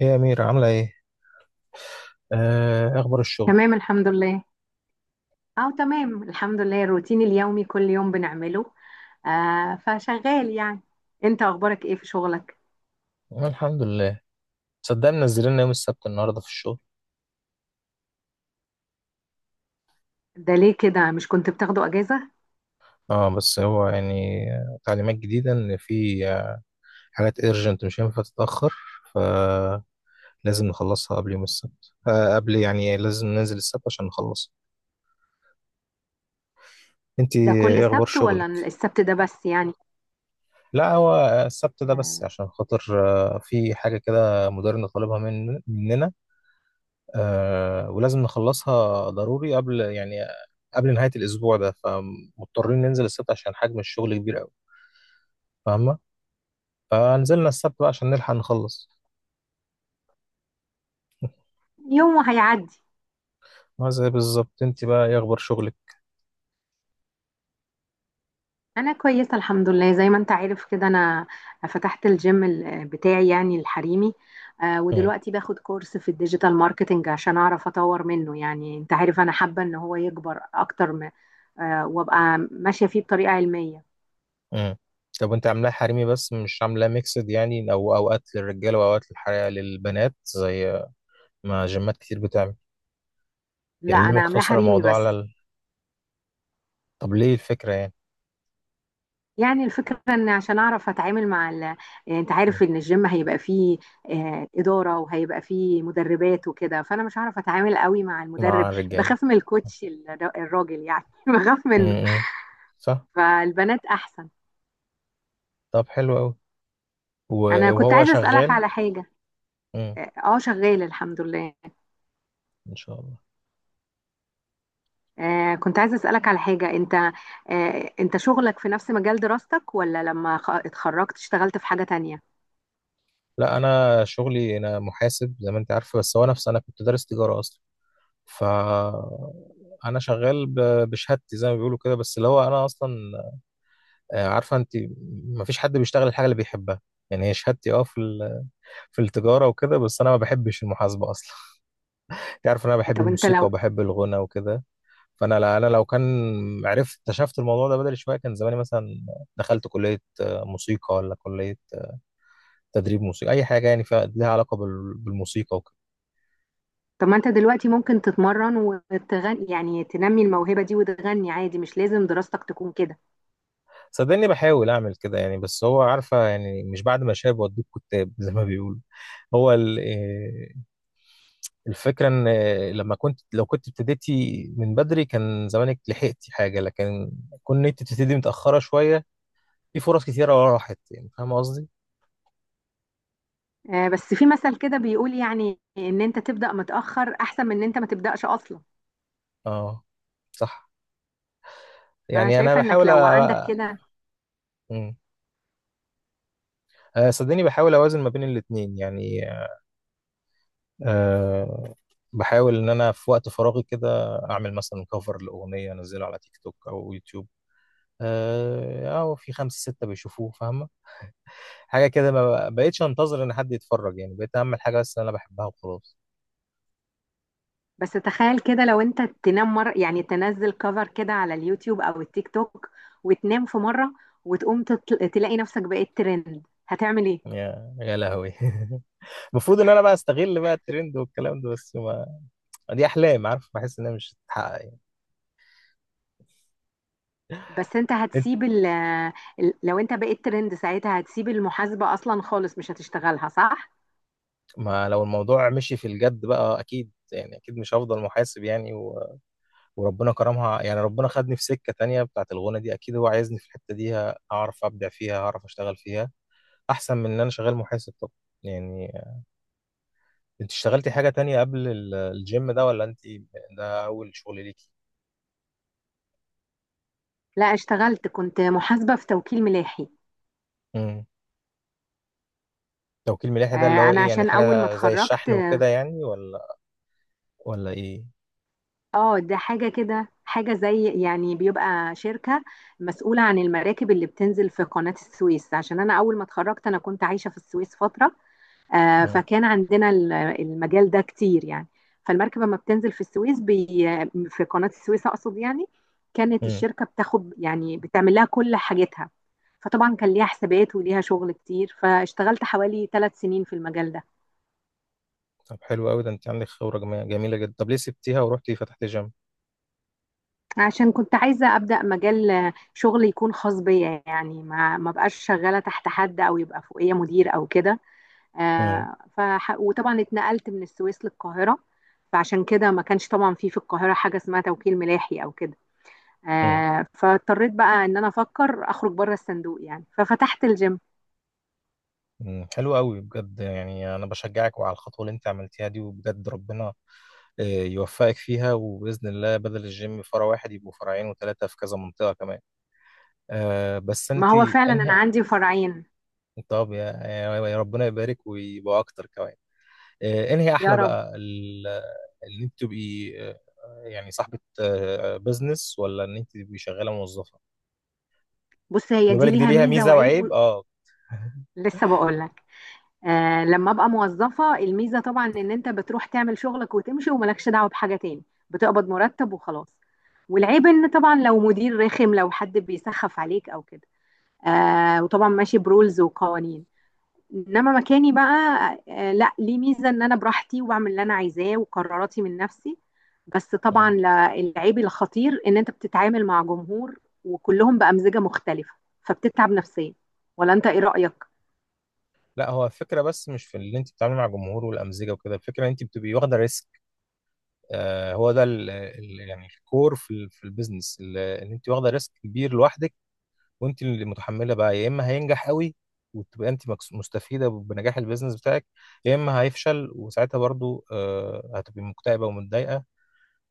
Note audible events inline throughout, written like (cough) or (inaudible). ايه يا أميرة عاملة ايه؟ آه أخبار الشغل؟ تمام الحمد لله. اه تمام الحمد لله، الروتين اليومي كل يوم بنعمله. فشغال يعني. انت اخبارك ايه في شغلك؟ آه الحمد لله. صدق منزلين لنا يوم السبت النهاردة في الشغل. ده ليه كده؟ مش كنت بتاخده اجازة؟ اه بس هو يعني تعليمات جديدة إن في حاجات ايرجنت مش هينفع تتأخر، فلازم نخلصها قبل يوم السبت، قبل يعني لازم ننزل السبت عشان نخلصها. انتي ده كل ايه أخبار سبت شغلك؟ ولا السبت ده بس يعني؟ لا هو السبت ده بس آه. عشان خاطر في حاجة كده مديرنا طالبها من مننا، ولازم نخلصها ضروري قبل يعني قبل نهاية الأسبوع ده، فمضطرين ننزل السبت عشان حجم الشغل كبير أوي. فاهمة؟ فنزلنا السبت بقى عشان نلحق نخلص. يوم وهيعدي. ما زي بالظبط. أنت بقى إيه أخبار شغلك؟ انا كويسه الحمد لله، زي ما انت عارف كده، انا فتحت الجيم بتاعي يعني الحريمي. مم. ودلوقتي باخد كورس في الديجيتال ماركتينج عشان اعرف اطور منه، يعني انت عارف انا حابه ان هو يكبر اكتر وابقى ماشيه فيه بطريقه علميه. مم. طب أنت عاملاه حريمي بس مش عاملاه ميكسد يعني، أو أوقات للرجالة وأوقات للحريقة للبنات زي ما جيمات كتير بتعمل؟ لا، يعني ليه انا عاملاه مقتصر حريمي الموضوع بس. طب ليه الفكرة يعني؟ يعني الفكره ان عشان اعرف اتعامل مع ال... آه، انت مم. عارف ان الجيم هيبقى فيه اداره، وهيبقى فيه مدربات وكده، فانا مش هعرف اتعامل قوي مع المدرب. مع الرجالة. بخاف من الكوتش الراجل يعني (laughs) بخاف مم. منه. مم. صح؟ فالبنات احسن. طب حلو أوي. انا كنت وهو عايزه اسالك شغال؟ على حاجه. مم. اه، شغال الحمد لله. ان شاء الله. كنت عايزه اسالك على حاجه انت. انت شغلك في نفس مجال دراستك، ولا لما اتخرجت اشتغلت في حاجه تانية؟ لا انا شغلي، انا محاسب زي ما انت عارفه، بس هو نفسي، انا كنت دارس تجاره اصلا. ف انا شغال بشهادتي زي ما بيقولوا كده، بس اللي هو انا اصلا عارفه انت، ما فيش حد بيشتغل الحاجه اللي بيحبها. يعني هي شهادتي اه في في التجاره وكده، بس انا ما بحبش المحاسبه اصلا. (laughs) انت عارف إن انا بحب طب انت الموسيقى لو. وبحب الغنى وكده. فانا لا انا لو كان عرفت اكتشفت الموضوع ده بدري شويه، كان زماني مثلا دخلت كليه موسيقى ولا كليه تدريب موسيقى، اي حاجه يعني فيها لها علاقه بالموسيقى وكده. طب ما انت دلوقتي ممكن تتمرن وتغني، يعني تنمي الموهبه دي وتغني عادي، مش لازم دراستك تكون كده. صدقني بحاول اعمل كده يعني، بس هو عارفه يعني مش بعد ما شاب وديك كتاب (laughs) زي ما بيقولوا. هو الفكره ان لما كنت لو كنت ابتديتي من بدري كان زمانك لحقتي حاجه، لكن كون انت تبتدي متاخره شويه في فرص كتيره راحت يعني، فاهم قصدي. بس في مثل كده بيقول، يعني ان انت تبدا متاخر احسن من ان انت ما تبداش اصلا. اه. صح. فانا يعني انا شايفه انك بحاول لو عندك كده. مم. صدقني بحاول اوازن ما بين الاتنين يعني. آه، بحاول ان انا في وقت فراغي كده اعمل مثلا كفر لاغنيه، انزله على تيك توك او يوتيوب، اه او في خمسه سته بيشوفوه، فاهمه؟ حاجه كده، ما بقيتش انتظر ان حد يتفرج يعني، بقيت اعمل حاجه بس انا بحبها وخلاص. بس تخيل كده، لو انت تنام مرة، يعني تنزل كفر كده على اليوتيوب او التيك توك وتنام في مرة، وتقوم تلاقي نفسك بقيت ترند، هتعمل ايه؟ يا لهوي. (laughs) المفروض ان انا بقى استغل بقى الترند والكلام ده، بس ما دي احلام، عارف، بحس انها مش هتتحقق يعني. بس انت انت، هتسيب لو انت بقيت ترند ساعتها هتسيب المحاسبة اصلا خالص، مش هتشتغلها، صح؟ ما لو الموضوع مشي في الجد بقى اكيد يعني، اكيد مش هفضل محاسب يعني. وربنا كرمها يعني، ربنا خدني في سكة تانية بتاعت الغنى دي، أكيد هو عايزني في الحتة دي أعرف أبدع فيها، أعرف أشتغل فيها أحسن من إن أنا شغال محاسب. طب يعني أنت اشتغلتي حاجة تانية قبل الجيم ده، ولا أنت ده أول شغل ليكي؟ لا، اشتغلت كنت محاسبة في توكيل ملاحي. امم. توكيل آه، ملاحي ده اللي هو انا إيه يعني؟ عشان اول ما حاجة زي اتخرجت. الشحن وكده يعني، ولا إيه؟ اه، ده حاجة كده، حاجة زي يعني بيبقى شركة مسؤولة عن المراكب اللي بتنزل في قناة السويس، عشان أنا أول ما اتخرجت أنا كنت عايشة في السويس فترة. امم. فكان عندنا المجال ده كتير يعني. فالمركب لما بتنزل في السويس في قناة السويس أقصد، يعني كانت امم. الشركة بتاخد، يعني بتعمل لها كل حاجتها. فطبعا كان ليها حسابات وليها شغل كتير، فاشتغلت حوالي 3 سنين في المجال ده. طب حلو قوي ده، أنت عندك خبرة جميلة جدا. طب ليه سبتيها ورحتي فتحتي جيم؟ عشان كنت عايزة أبدأ مجال شغل يكون خاص بيا، يعني ما بقاش شغالة تحت حد، أو يبقى فوقية مدير أو كده. امم. وطبعا اتنقلت من السويس للقاهرة. فعشان كده ما كانش طبعا في القاهرة حاجة اسمها توكيل ملاحي أو كده. فاضطريت بقى إن أنا أفكر أخرج بره الصندوق يعني، ففتحت الجيم. امم. حلو قوي بجد يعني، انا بشجعك وعلى الخطوه اللي انت عملتيها دي، وبجد ربنا يوفقك فيها، وبإذن الله بدل الجيم فرع واحد يبقوا فرعين وثلاثة في كذا منطقة كمان. آه بس أنت. ما هو فعلا أنا أنهي. عندي فرعين. طب يا ربنا يبارك ويبقوا أكتر كمان. آه. أنهي يا أحلى رب. بقى إن أنت تبقي يعني صاحبة بزنس، ولا إن أنت تبقي شغالة موظفة؟ بص، هي خدي دي بالك دي ليها ليها ميزة ميزة وعيب و. وعيب، أه. لسه بقول. لما ابقى موظفة، الميزة طبعا ان انت بتروح تعمل شغلك وتمشي وملكش دعوة بحاجة تاني، بتقبض مرتب وخلاص. والعيب ان طبعا لو مدير رخم، لو حد بيسخف عليك او كده. وطبعا ماشي برولز وقوانين. انما مكاني بقى، لا، ليه ميزة ان انا براحتي، وبعمل اللي انا عايزاه، وقراراتي من نفسي. بس طبعا مم. العيب الخطير ان انت بتتعامل مع جمهور، وكلهم بأمزجة مختلفة، فبتتعب نفسيا. ولا انت ايه رأيك؟ لا هو الفكرة بس مش في اللي انت بتتعاملي مع الجمهور والأمزجة وكده، الفكرة ان انت بتبقي واخدة ريسك. آه هو ده ال يعني الكور في في البيزنس، ان انت واخدة ريسك كبير لوحدك، وانت اللي متحمله بقى. يا اما هينجح قوي وتبقى انت مستفيده بنجاح البيزنس بتاعك، يا اما هيفشل وساعتها برضو هتبقي مكتئبه ومتضايقه.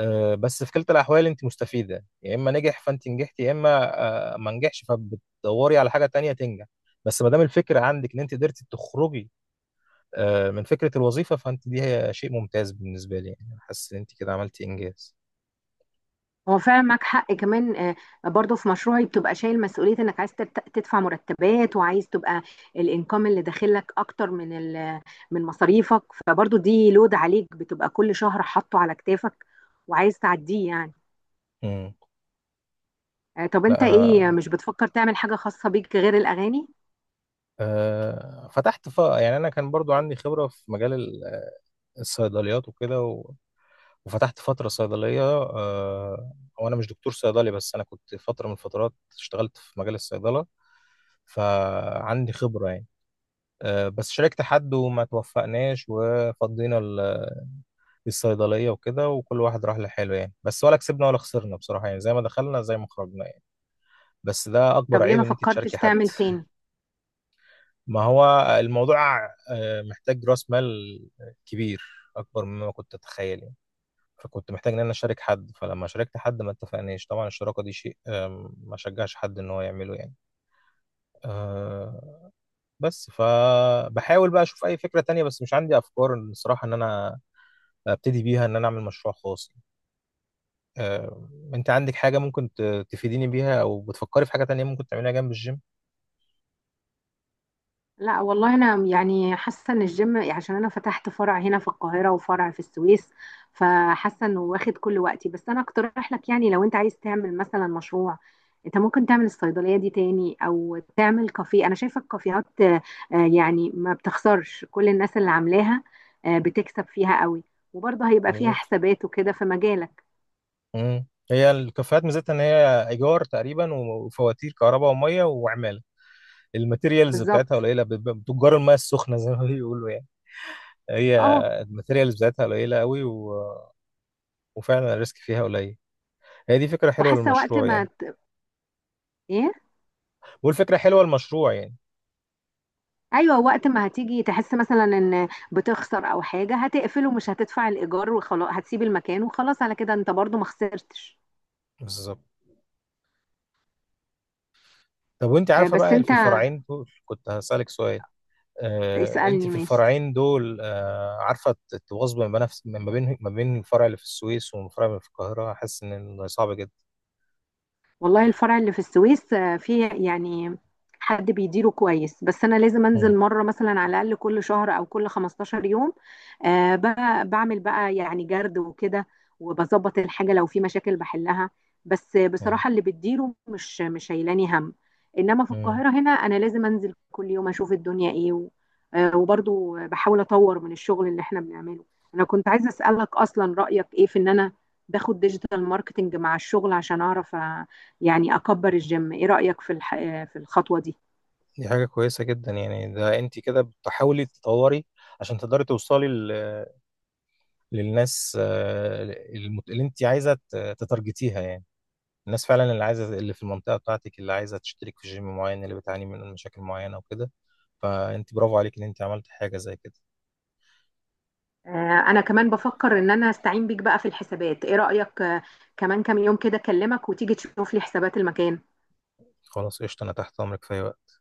بس في كلتا الاحوال انت مستفيده، يا اما نجح فانت نجحت، يا اما ما نجحش فبتدوري على حاجه تانية تنجح. بس ما دام الفكره عندك ان انت قدرتي تخرجي من فكره الوظيفه، فانت دي هي شيء ممتاز بالنسبه لي. يعني أنا حاسس ان انت كده عملتي انجاز. هو فعلا معاك حق كمان. برضو في مشروعي بتبقى شايل مسؤولية انك عايز تدفع مرتبات، وعايز تبقى الانكم اللي داخلك اكتر من من مصاريفك، فبرضو دي لود عليك بتبقى كل شهر حاطه على كتافك وعايز تعديه يعني. مم. طب لا انت انا ايه، مش بتفكر تعمل حاجة خاصة بيك غير الاغاني؟ فتحت يعني انا كان برضو عندي خبره في مجال الصيدليات وكده وفتحت فترة صيدلية. هو أنا مش دكتور صيدلي، بس أنا كنت فترة من الفترات اشتغلت في مجال الصيدلة، فعندي خبرة يعني. بس شاركت حد وما توفقناش، وفضينا الصيدلية وكده، وكل واحد راح لحاله يعني، بس ولا كسبنا ولا خسرنا بصراحة يعني، زي ما دخلنا زي ما خرجنا يعني. بس ده أكبر طب ليه عيب ما إن أنت فكرتش تشاركي حد. تعمل تاني؟ ما هو الموضوع محتاج رأس مال كبير، أكبر مما كنت أتخيل يعني. فكنت محتاج ان انا اشارك حد، فلما شاركت حد ما اتفقناش، طبعا الشراكه دي شيء ما شجعش حد ان هو يعمله يعني. آه، بس فبحاول بقى اشوف اي فكره تانية، بس مش عندي افكار إن الصراحه ان انا ابتدي بيها، ان انا اعمل مشروع خاص. آه، انت عندك حاجه ممكن تفيديني بيها، او بتفكري في حاجه تانية ممكن تعمليها جنب الجيم؟ لا والله، انا يعني حاسه ان الجيم، يعني عشان انا فتحت فرع هنا في القاهره وفرع في السويس، فحاسه انه واخد كل وقتي. بس انا اقترح لك، يعني لو انت عايز تعمل مثلا مشروع، انت ممكن تعمل الصيدليه دي تاني او تعمل كافيه. انا شايفه الكافيهات يعني ما بتخسرش، كل الناس اللي عاملاها بتكسب فيها قوي، وبرضه هيبقى فيها بالظبط. حسابات وكده في مجالك. مم. هي الكافيهات ميزتها ان هي ايجار تقريبا وفواتير كهرباء وميه وعماله، الماتيريالز بتاعتها بالظبط، قليله، بتجار الميه السخنه زي ما بيقولوا يعني. هي اه. الماتيريالز بتاعتها قليله قوي، و... وفعلا الريسك فيها قليل. هي دي فكره حلوه وحاسه وقت للمشروع ما يعني. ايه. بقول فكره حلوه للمشروع يعني. ايوه، وقت ما هتيجي تحس مثلا ان بتخسر او حاجه، هتقفله، مش هتدفع الايجار وخلاص، هتسيب المكان وخلاص. على كده انت برضو ما خسرتش. بالظبط. طب وانت عارفه بس بقى انت. في الفرعين دول، كنت هسالك سؤال. انت اسالني، في ماشي. الفرعين دول عارفه تواظب ما بين الفرع اللي في السويس والفرع اللي في القاهره؟ حاسس ان صعب جدا. والله الفرع اللي في السويس فيه يعني حد بيديره كويس، بس انا لازم مم. انزل مره، مثلا على الاقل كل شهر او كل 15 يوم. آه، بقى بعمل بقى يعني جرد وكده، وبظبط الحاجه لو في مشاكل بحلها. بس مم. بصراحه اللي بتديره مش شايلاني هم. انما في مم. القاهره هنا انا لازم انزل كل يوم، اشوف الدنيا ايه و. وبرضو بحاول اطور من الشغل اللي احنا بنعمله. انا كنت عايزه اسالك اصلا رايك ايه في ان انا باخد ديجيتال ماركتنج مع الشغل عشان اعرف يعني اكبر الجيم. ايه رأيك في في الخطوة دي؟ دي حاجه كويسه جدا يعني، ده انت كده بتحاولي تطوري عشان تقدري توصلي للناس اللي انت عايزه تتارجتيها يعني، الناس فعلا اللي عايزه، اللي في المنطقه بتاعتك، اللي عايزه تشترك في جيم معين، اللي بتعاني من مشاكل معينه وكده. فانت برافو عليك ان انت عملت حاجه زي كده. آه، انا كمان بفكر ان انا استعين بيك بقى في الحسابات، ايه رأيك؟ كمان كام يوم كده اكلمك وتيجي تشوف لي حسابات المكان. خلاص قشطه، انا تحت امرك في أي وقت.